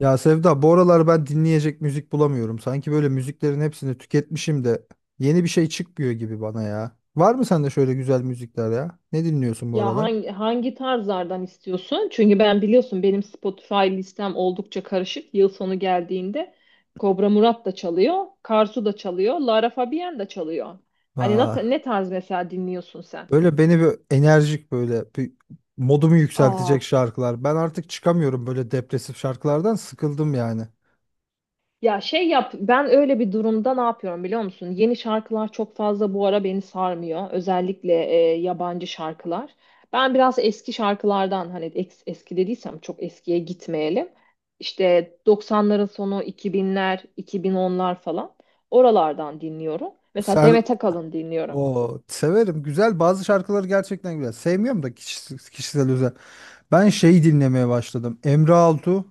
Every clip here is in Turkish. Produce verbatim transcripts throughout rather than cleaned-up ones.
Ya Sevda, bu aralar ben dinleyecek müzik bulamıyorum. Sanki böyle müziklerin hepsini tüketmişim de yeni bir şey çıkmıyor gibi bana ya. Var mı sende şöyle güzel müzikler ya? Ne dinliyorsun bu Ya aralar? hangi, hangi tarzlardan istiyorsun? Çünkü ben biliyorsun benim Spotify listem oldukça karışık. Yıl sonu geldiğinde Kobra Murat da çalıyor, Karsu da çalıyor, Lara Fabian da çalıyor. Hani ne, Aa, ne tarz mesela dinliyorsun sen? böyle beni bir enerjik böyle bir modumu Aa. yükseltecek şarkılar. Ben artık çıkamıyorum, böyle depresif şarkılardan sıkıldım yani. Ya şey yap, ben öyle bir durumda ne yapıyorum biliyor musun? Yeni şarkılar çok fazla bu ara beni sarmıyor. Özellikle e, yabancı şarkılar. Ben biraz eski şarkılardan hani eks- eski dediysem çok eskiye gitmeyelim. İşte doksanların sonu iki binler, iki bin onlar falan. Oralardan dinliyorum. Mesela Ser Demet Akalın dinliyorum. o severim. Güzel, bazı şarkıları gerçekten güzel. Sevmiyorum da kişisel, kişisel özel. Ben şey dinlemeye başladım. Emre Altu.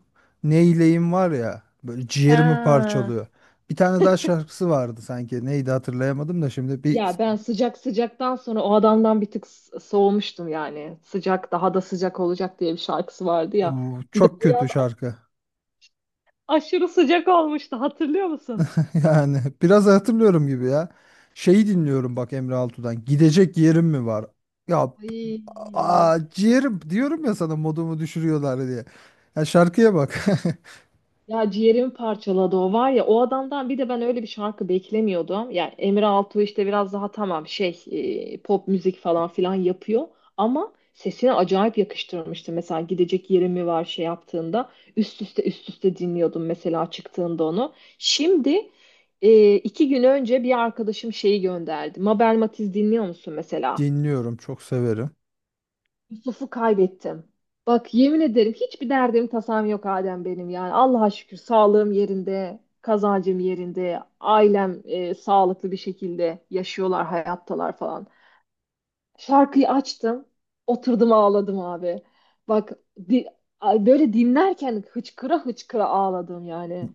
Neyleyim var ya, böyle ciğerimi Ha. parçalıyor. Bir tane daha şarkısı vardı sanki. Neydi, hatırlayamadım da şimdi bir. Ya ben sıcak sıcaktan sonra o adamdan bir tık s- soğumuştum yani. Sıcak daha da sıcak olacak diye bir şarkısı vardı ya. Oo, Bir de çok o kötü şarkı. aşırı sıcak olmuştu, hatırlıyor musun? Yani biraz hatırlıyorum gibi ya. Şeyi dinliyorum bak Emre Altu'dan. Gidecek yerim mi var? Ya Ay, aa, ciğerim diyorum ya sana, modumu düşürüyorlar diye. Ya şarkıya bak. ya ciğerimi parçaladı o, var ya o adamdan bir de ben öyle bir şarkı beklemiyordum. Ya Emre Altuğ işte biraz daha tamam, şey e, pop müzik falan filan yapıyor ama sesine acayip yakıştırmıştı. Mesela gidecek yerim mi var şey yaptığında üst üste üst üste dinliyordum mesela çıktığında onu. Şimdi e, iki gün önce bir arkadaşım şeyi gönderdi. Mabel Matiz dinliyor musun mesela? Dinliyorum, çok severim. Yusuf'u kaybettim. Bak yemin ederim, hiçbir derdim tasam yok Adem benim yani. Allah'a şükür sağlığım yerinde, kazancım yerinde, ailem e, sağlıklı bir şekilde yaşıyorlar, hayattalar falan. Şarkıyı açtım, oturdum, ağladım abi. Bak di- ay, böyle dinlerken hıçkıra hıçkıra ağladım yani.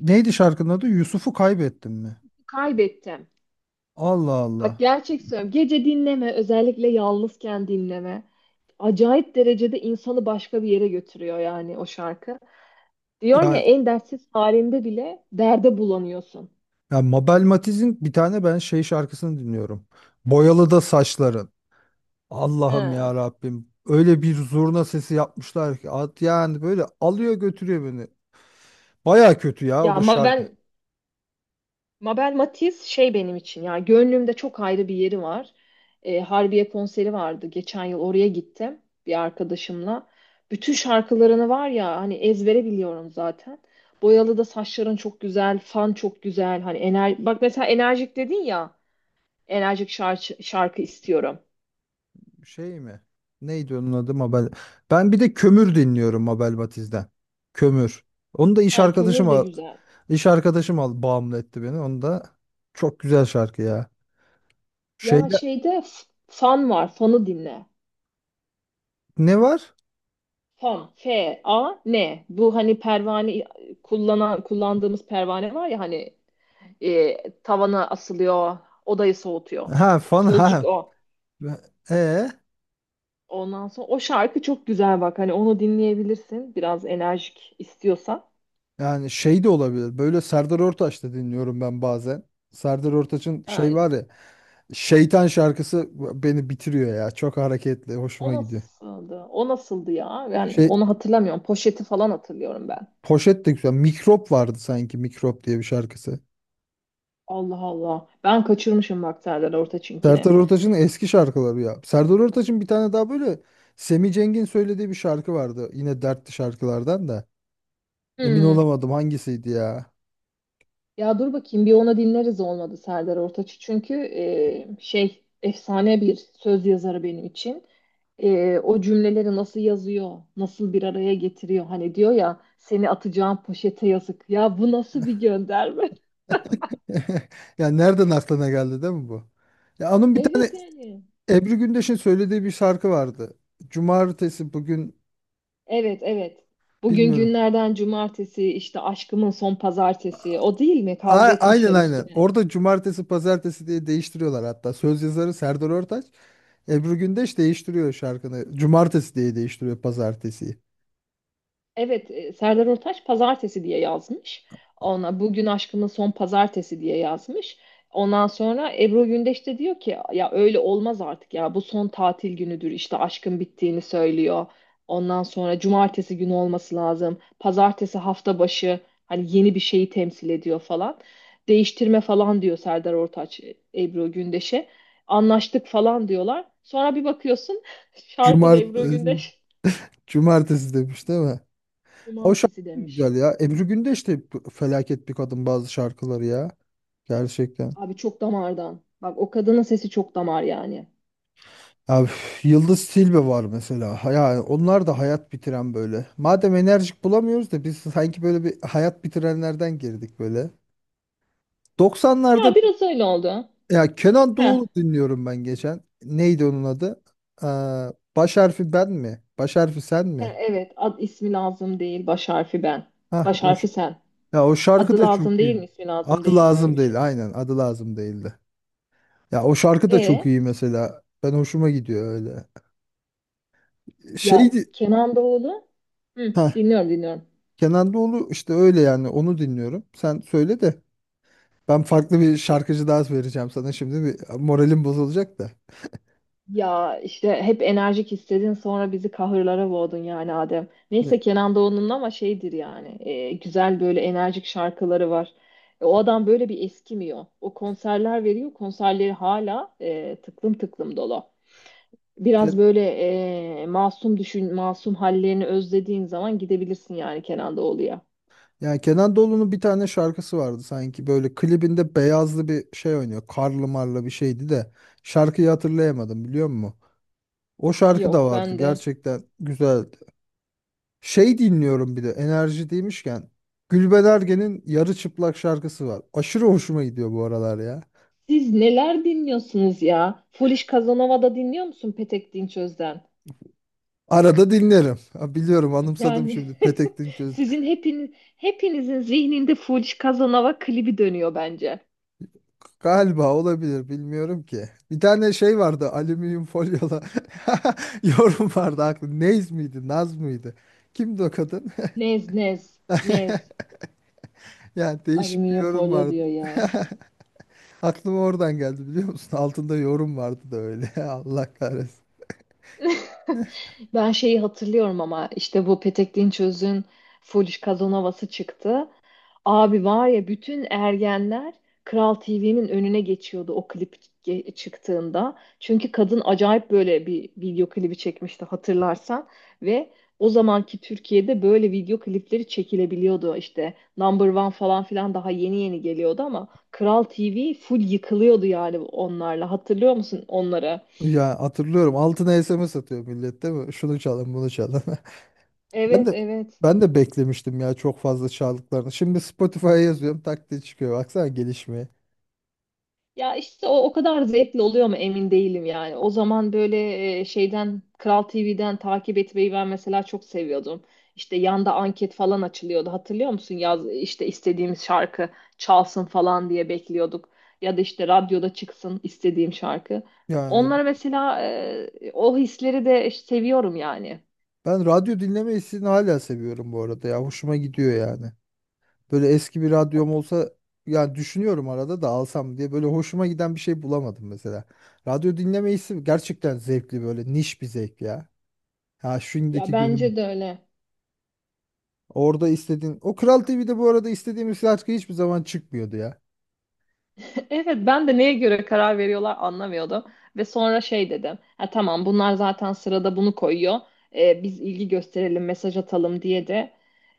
Neydi şarkının adı? Yusuf'u kaybettim mi? Kaybettim. Allah Bak Allah. gerçek söylüyorum. Gece dinleme, özellikle yalnızken dinleme. Acayip derecede insanı başka bir yere götürüyor yani o şarkı. Diyorum ya, Ben en dertsiz halinde bile derde bulanıyorsun. Ya Mabel Matiz'in bir tane ben şey şarkısını dinliyorum. Boyalı da saçların. Allah'ım ya Ha. Rabbim. Öyle bir zurna sesi yapmışlar ki at, yani böyle alıyor götürüyor beni. Baya kötü ya o Ya da şarkı. Mabel, Mabel Matiz şey benim için, ya gönlümde çok ayrı bir yeri var. Ee, Harbiye konseri vardı geçen yıl, oraya gittim bir arkadaşımla. Bütün şarkılarını var ya, hani ezbere biliyorum zaten. Boyalı da Saçların çok güzel, Fan çok güzel. Hani ener bak mesela enerjik dedin ya, enerjik şarkı, şarkı istiyorum. Şey mi? Neydi onun adı Mabel? Ben bir de Kömür dinliyorum Mabel Matiz'den. Kömür. Onu da iş Ha, arkadaşım Kömür de al, güzel. iş arkadaşım al bağımlı etti beni. Onu da çok güzel şarkı ya. Ya Şeyde şeyde f- Fan var, Fan'ı dinle. ne var? Fan, F-A-N. Bu hani pervane, kullanan kullandığımız pervane var ya, hani e, tavana asılıyor, odayı soğutuyor. Ha, fan ha. Sözcük o. E Ondan sonra o şarkı çok güzel bak. Hani onu dinleyebilirsin, biraz enerjik istiyorsan. Yani şey de olabilir. Böyle Serdar Ortaç da dinliyorum ben bazen. Serdar Ortaç'ın şey Yani var ya. Şeytan şarkısı beni bitiriyor ya. Çok hareketli. o Hoşuma gidiyor. nasıldı? O nasıldı ya? Yani Şey, onu hatırlamıyorum. Poşet'i falan hatırlıyorum ben. poşet de güzel. Mikrop vardı sanki. Mikrop diye bir şarkısı. Allah Allah. Ben kaçırmışım bak Serdar Ortaç'ınkini. Serdar Ortaç'ın eski şarkıları ya. Serdar Ortaç'ın bir tane daha böyle Semih Cengin söylediği bir şarkı vardı. Yine dertli şarkılardan da. Emin Hmm. olamadım hangisiydi ya. Ya dur bakayım bir, ona dinleriz olmadı Serdar Ortaç'ı. Çünkü e, şey, efsane bir söz yazarı benim için. E, o cümleleri nasıl yazıyor, nasıl bir araya getiriyor. Hani diyor ya, seni atacağım poşete yazık. Ya bu nasıl bir gönderme? Ya nereden aklına geldi değil mi bu? Ya onun bir tane Evet yani. Ebru Gündeş'in söylediği bir şarkı vardı. Cumartesi bugün, Evet, evet. Bugün bilmiyorum. günlerden cumartesi, işte aşkımın son pazartesi. O değil mi? A, Kavga aynen etmişler aynen. üstüne. Orada cumartesi pazartesi diye değiştiriyorlar hatta. Söz yazarı Serdar Ortaç. Ebru Gündeş değiştiriyor şarkını. Cumartesi diye değiştiriyor pazartesiyi. Evet, e, Serdar Ortaç pazartesi diye yazmış. Ona bugün aşkımın son pazartesi diye yazmış. Ondan sonra Ebru Gündeş de diyor ki, ya öyle olmaz artık, ya bu son tatil günüdür, işte aşkın bittiğini söylüyor. Ondan sonra cumartesi günü olması lazım. Pazartesi hafta başı, hani yeni bir şeyi temsil ediyor falan. Değiştirme falan diyor Serdar Ortaç e, Ebru Gündeş'e. Anlaştık falan diyorlar. Sonra bir bakıyorsun şarkıda Cumar Ebru Gündeş cumartesi demiş değil mi? O şarkı cumartesi da demiş. güzel ya. Ebru Gündeş de felaket bir kadın, bazı şarkıları ya. Gerçekten. Abi çok damardan. Bak o kadının sesi çok damar yani. Ya, üf, Yıldız Tilbe var mesela. Ha- Yani onlar da hayat bitiren böyle. Madem enerjik bulamıyoruz da biz, sanki böyle bir hayat bitirenlerden girdik böyle. doksanlarda Ya biraz öyle oldu. ya Kenan He, Doğulu dinliyorum ben geçen. Neydi onun adı? Aa, baş harfi ben mi? Baş harfi sen he mi? evet, ad ismi lazım değil, baş harfi ben. Hah, Baş o, ş- harfi sen. ya o şarkı Adı da lazım çok değil iyi. mi, ismi lazım Adı değil mi, öyle lazım bir şey. değil. Aynen, adı lazım değildi. Ya o şarkı da çok E iyi mesela. Ben hoşuma gidiyor öyle. Ya Şeydi. Kenan Doğulu. Hı, dinliyorum dinliyorum. Kenan Doğulu işte öyle yani, onu dinliyorum. Sen söyle de ben farklı bir şarkıcı daha vereceğim sana, şimdi bir moralim bozulacak da. Ya işte hep enerjik istedin, sonra bizi kahırlara boğdun yani Adem. Ne- Neyse Kenan Doğulu'nun ama şeydir yani, e, güzel böyle enerjik şarkıları var. E, o adam böyle bir eskimiyor. O konserler veriyor, konserleri hala e, tıklım tıklım dolu. Biraz Ke- böyle e, masum düşün, masum hallerini özlediğin zaman gidebilirsin yani Kenan Doğulu'ya. Yani Kenan Doğulu'nun bir tane şarkısı vardı sanki, böyle klibinde beyazlı bir şey oynuyor. Karlı marlı bir şeydi de şarkıyı hatırlayamadım, biliyor musun? O şarkı da Yok vardı, ben de. gerçekten güzeldi. Şey dinliyorum bir de, enerji demişken, Gülben Ergen'in Yarı Çıplak şarkısı var. Aşırı hoşuma gidiyor bu aralar ya. Siz neler dinliyorsunuz ya? Foolish Casanova da dinliyor musun Petek Dinçöz'den? Arada dinlerim. Ha, biliyorum, anımsadım Yani şimdi Petek Dinçöz. sizin hepiniz hepinizin zihninde Fuji Kazanova klibi dönüyor bence. Galiba, olabilir, bilmiyorum ki. Bir tane şey vardı, alüminyum folyola yorum vardı aklı. Nez miydi, Naz mıydı? Kimdi o kadın? Nez nez nez. Yani değişik bir Alüminyum yorum folyo vardı. diyor ya. Aklıma oradan geldi, biliyor musun? Altında yorum vardı da öyle. Allah kahretsin. Ben şeyi hatırlıyorum, ama işte bu Petek Dinçöz'ün Foolish Casanova'sı çıktı. Abi var ya, bütün ergenler Kral T V'nin önüne geçiyordu o klip ge- çıktığında. Çünkü kadın acayip böyle bir video klibi çekmişti, hatırlarsan, ve o zamanki Türkiye'de böyle video klipleri çekilebiliyordu. İşte Number One falan filan daha yeni yeni geliyordu, ama Kral T V full yıkılıyordu yani onlarla, hatırlıyor musun onları? Ya hatırlıyorum, altına S M S atıyor millet değil mi? Şunu çalın, bunu çalın. Ben Evet, de evet. ben de beklemiştim ya çok fazla çaldıklarını. Şimdi Spotify'a yazıyorum, tak diye çıkıyor. Baksana gelişmeye. Ya işte o o kadar zevkli oluyor mu emin değilim yani. O zaman böyle e, şeyden, Kral T V'den takip etmeyi ben mesela çok seviyordum. İşte yanda anket falan açılıyordu. Hatırlıyor musun? Yaz, işte istediğimiz şarkı çalsın falan diye bekliyorduk. Ya da işte radyoda çıksın istediğim şarkı. Yani Onları mesela, e, o hisleri de seviyorum yani. ben radyo dinleme hissini hala seviyorum bu arada ya. Hoşuma gidiyor yani. Böyle eski bir radyom olsa, yani düşünüyorum arada da alsam diye, böyle hoşuma giden bir şey bulamadım mesela. Radyo dinleme hissi gerçekten zevkli, böyle niş bir zevk ya. Ha Ya şimdiki günüm bence de öyle. orada istediğin, o Kral T V'de bu arada istediğimiz şarkı hiçbir zaman çıkmıyordu ya. Evet ben de neye göre karar veriyorlar anlamıyordum. Ve sonra şey dedim. Ha, tamam, bunlar zaten sırada bunu koyuyor. Ee, biz ilgi gösterelim, mesaj atalım diye de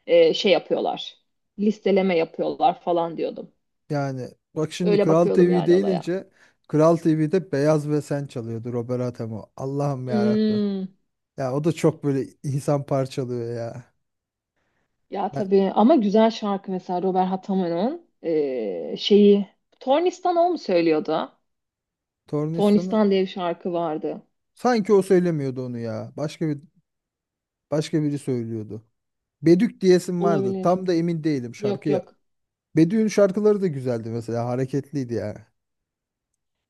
e, şey yapıyorlar. Listeleme yapıyorlar falan diyordum. Yani bak, şimdi Öyle Kral bakıyordum T V yani olaya. deyince, Kral T V'de Beyaz ve Sen çalıyordu Robert Atamo. Allah'ım ya Rabbi. Hmm, Ya o da çok böyle insan parçalıyor ya. ya Ha, tabii, ama güzel şarkı mesela Robert Hatamo'nun e, şeyi. Tornistan o mu söylüyordu? Tornistan'ı Tornistan diye bir şarkı vardı. sanki o söylemiyordu onu ya. Başka bir, başka biri söylüyordu. Bedük diyesim vardı. Olabilir. Tam da emin değilim Yok, şarkıya. yok. Bedük'ün şarkıları da güzeldi mesela, hareketliydi ya.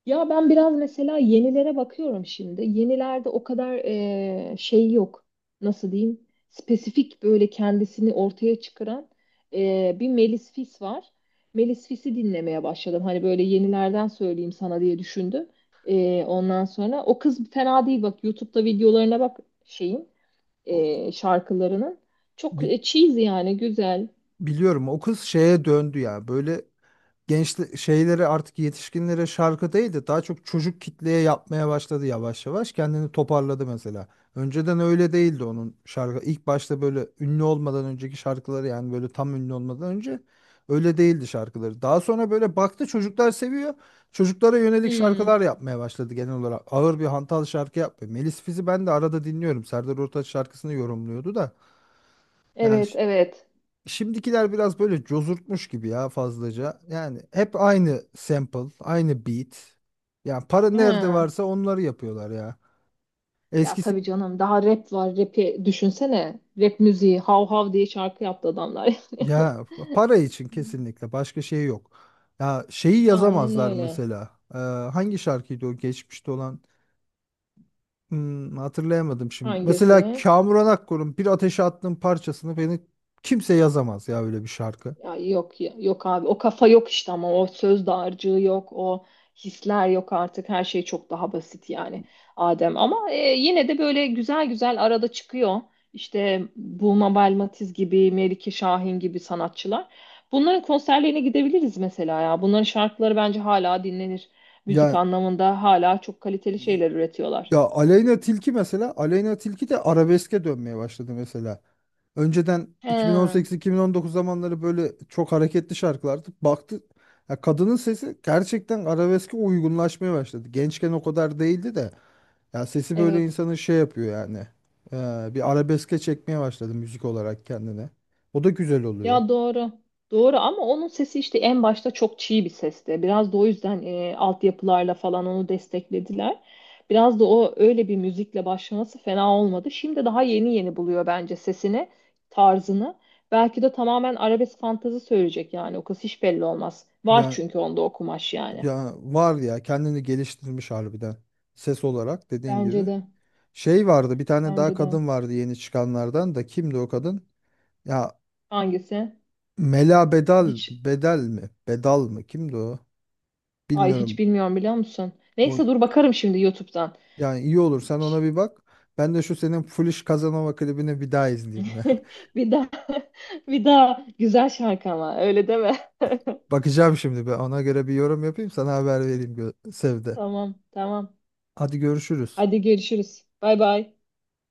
Ya ben biraz mesela yenilere bakıyorum şimdi. Yenilerde o kadar eee, şey yok. Nasıl diyeyim? Spesifik böyle kendisini ortaya çıkaran eee, bir Melis Fis var. Melis Fis'i dinlemeye başladım. Hani böyle yenilerden söyleyeyim sana diye düşündüm. Eee, ondan sonra o kız fena değil bak. YouTube'da videolarına bak şeyin, O, eee, şarkılarının. Çok bi- e, cheesy yani, güzel. biliyorum, o kız şeye döndü ya. Böyle genç şeyleri, artık yetişkinlere şarkı değil de daha çok çocuk kitleye yapmaya başladı yavaş yavaş. Kendini toparladı mesela. Önceden öyle değildi onun şarkı. İlk başta böyle, ünlü olmadan önceki şarkıları, yani böyle tam ünlü olmadan önce öyle değildi şarkıları. Daha sonra böyle baktı, çocuklar seviyor. Çocuklara yönelik Hmm, şarkılar yapmaya başladı genel olarak. Ağır bir hantal şarkı yapmıyor. Melis Fiz'i ben de arada dinliyorum. Serdar Ortaç şarkısını yorumluyordu da. Yani evet, evet. şimdikiler biraz böyle cozurtmuş gibi ya fazlaca. Yani hep aynı sample, aynı beat. Yani para nerede Ha. varsa onları yapıyorlar ya. Ya Eskisi, tabii canım, daha rap var, rap'i düşünsene. Rap müziği hav hav diye şarkı yaptı adamlar. ya para için, kesinlikle başka şey yok. Ya şeyi Aynen yazamazlar öyle. mesela. Ee, hangi şarkıydı o geçmişte olan? Hmm, hatırlayamadım şimdi. Hangisi? Mesela Kamuran Akkor'un Bir Ateşe Attığım parçasını beni kimse yazamaz ya, öyle bir şarkı. Ya yok ya- yok abi, o kafa yok işte, ama o söz dağarcığı yok, o hisler yok artık, her şey çok daha basit yani Adem, ama e, yine de böyle güzel güzel arada çıkıyor, işte Bulma Belmatiz gibi, Melike Şahin gibi sanatçılar, bunların konserlerine gidebiliriz mesela, ya bunların şarkıları bence hala dinlenir, müzik Ya anlamında hala çok kaliteli şeyler üretiyorlar. ya Aleyna Tilki mesela, Aleyna Tilki de arabeske dönmeye başladı mesela. Önceden He, iki bin on sekiz-iki bin on dokuz zamanları böyle çok hareketli şarkılardı. Baktı, ya kadının sesi gerçekten arabeske uygunlaşmaya başladı. Gençken o kadar değildi de ya sesi böyle evet. insanı şey yapıyor yani. Ee, bir arabeske çekmeye başladı müzik olarak kendine. O da güzel oluyor. Ya doğru. Doğru, ama onun sesi işte en başta çok çiğ bir sesti. Biraz da o yüzden e, altyapılarla falan onu desteklediler. Biraz da o öyle bir müzikle başlaması fena olmadı. Şimdi daha yeni yeni buluyor bence sesini, tarzını. Belki de tamamen arabesk fantezi söyleyecek yani. O kız hiç belli olmaz. Var Ya çünkü onda o kumaş yani. ya var ya, kendini geliştirmiş harbiden. Ses olarak dediğin Bence gibi. de. Şey vardı, bir tane daha Bence de. kadın vardı yeni çıkanlardan, da kimdi o kadın? Ya Hangisi? Mela Bedal, Hiç, Bedel mi? Bedal mı? Kimdi o? ay, hiç Bilmiyorum. bilmiyorum biliyor musun? O, Neyse dur bakarım şimdi YouTube'dan. yani iyi olur, sen ona bir bak. Ben de şu senin Foolish Kazanova klibini bir daha izleyeyim ya. Bir daha bir daha, güzel şarkı ama öyle deme. Bakacağım şimdi, ben ona göre bir yorum yapayım, sana haber vereyim gö- Sevde. Tamam, tamam. Hadi görüşürüz. Hadi görüşürüz. Bay bay.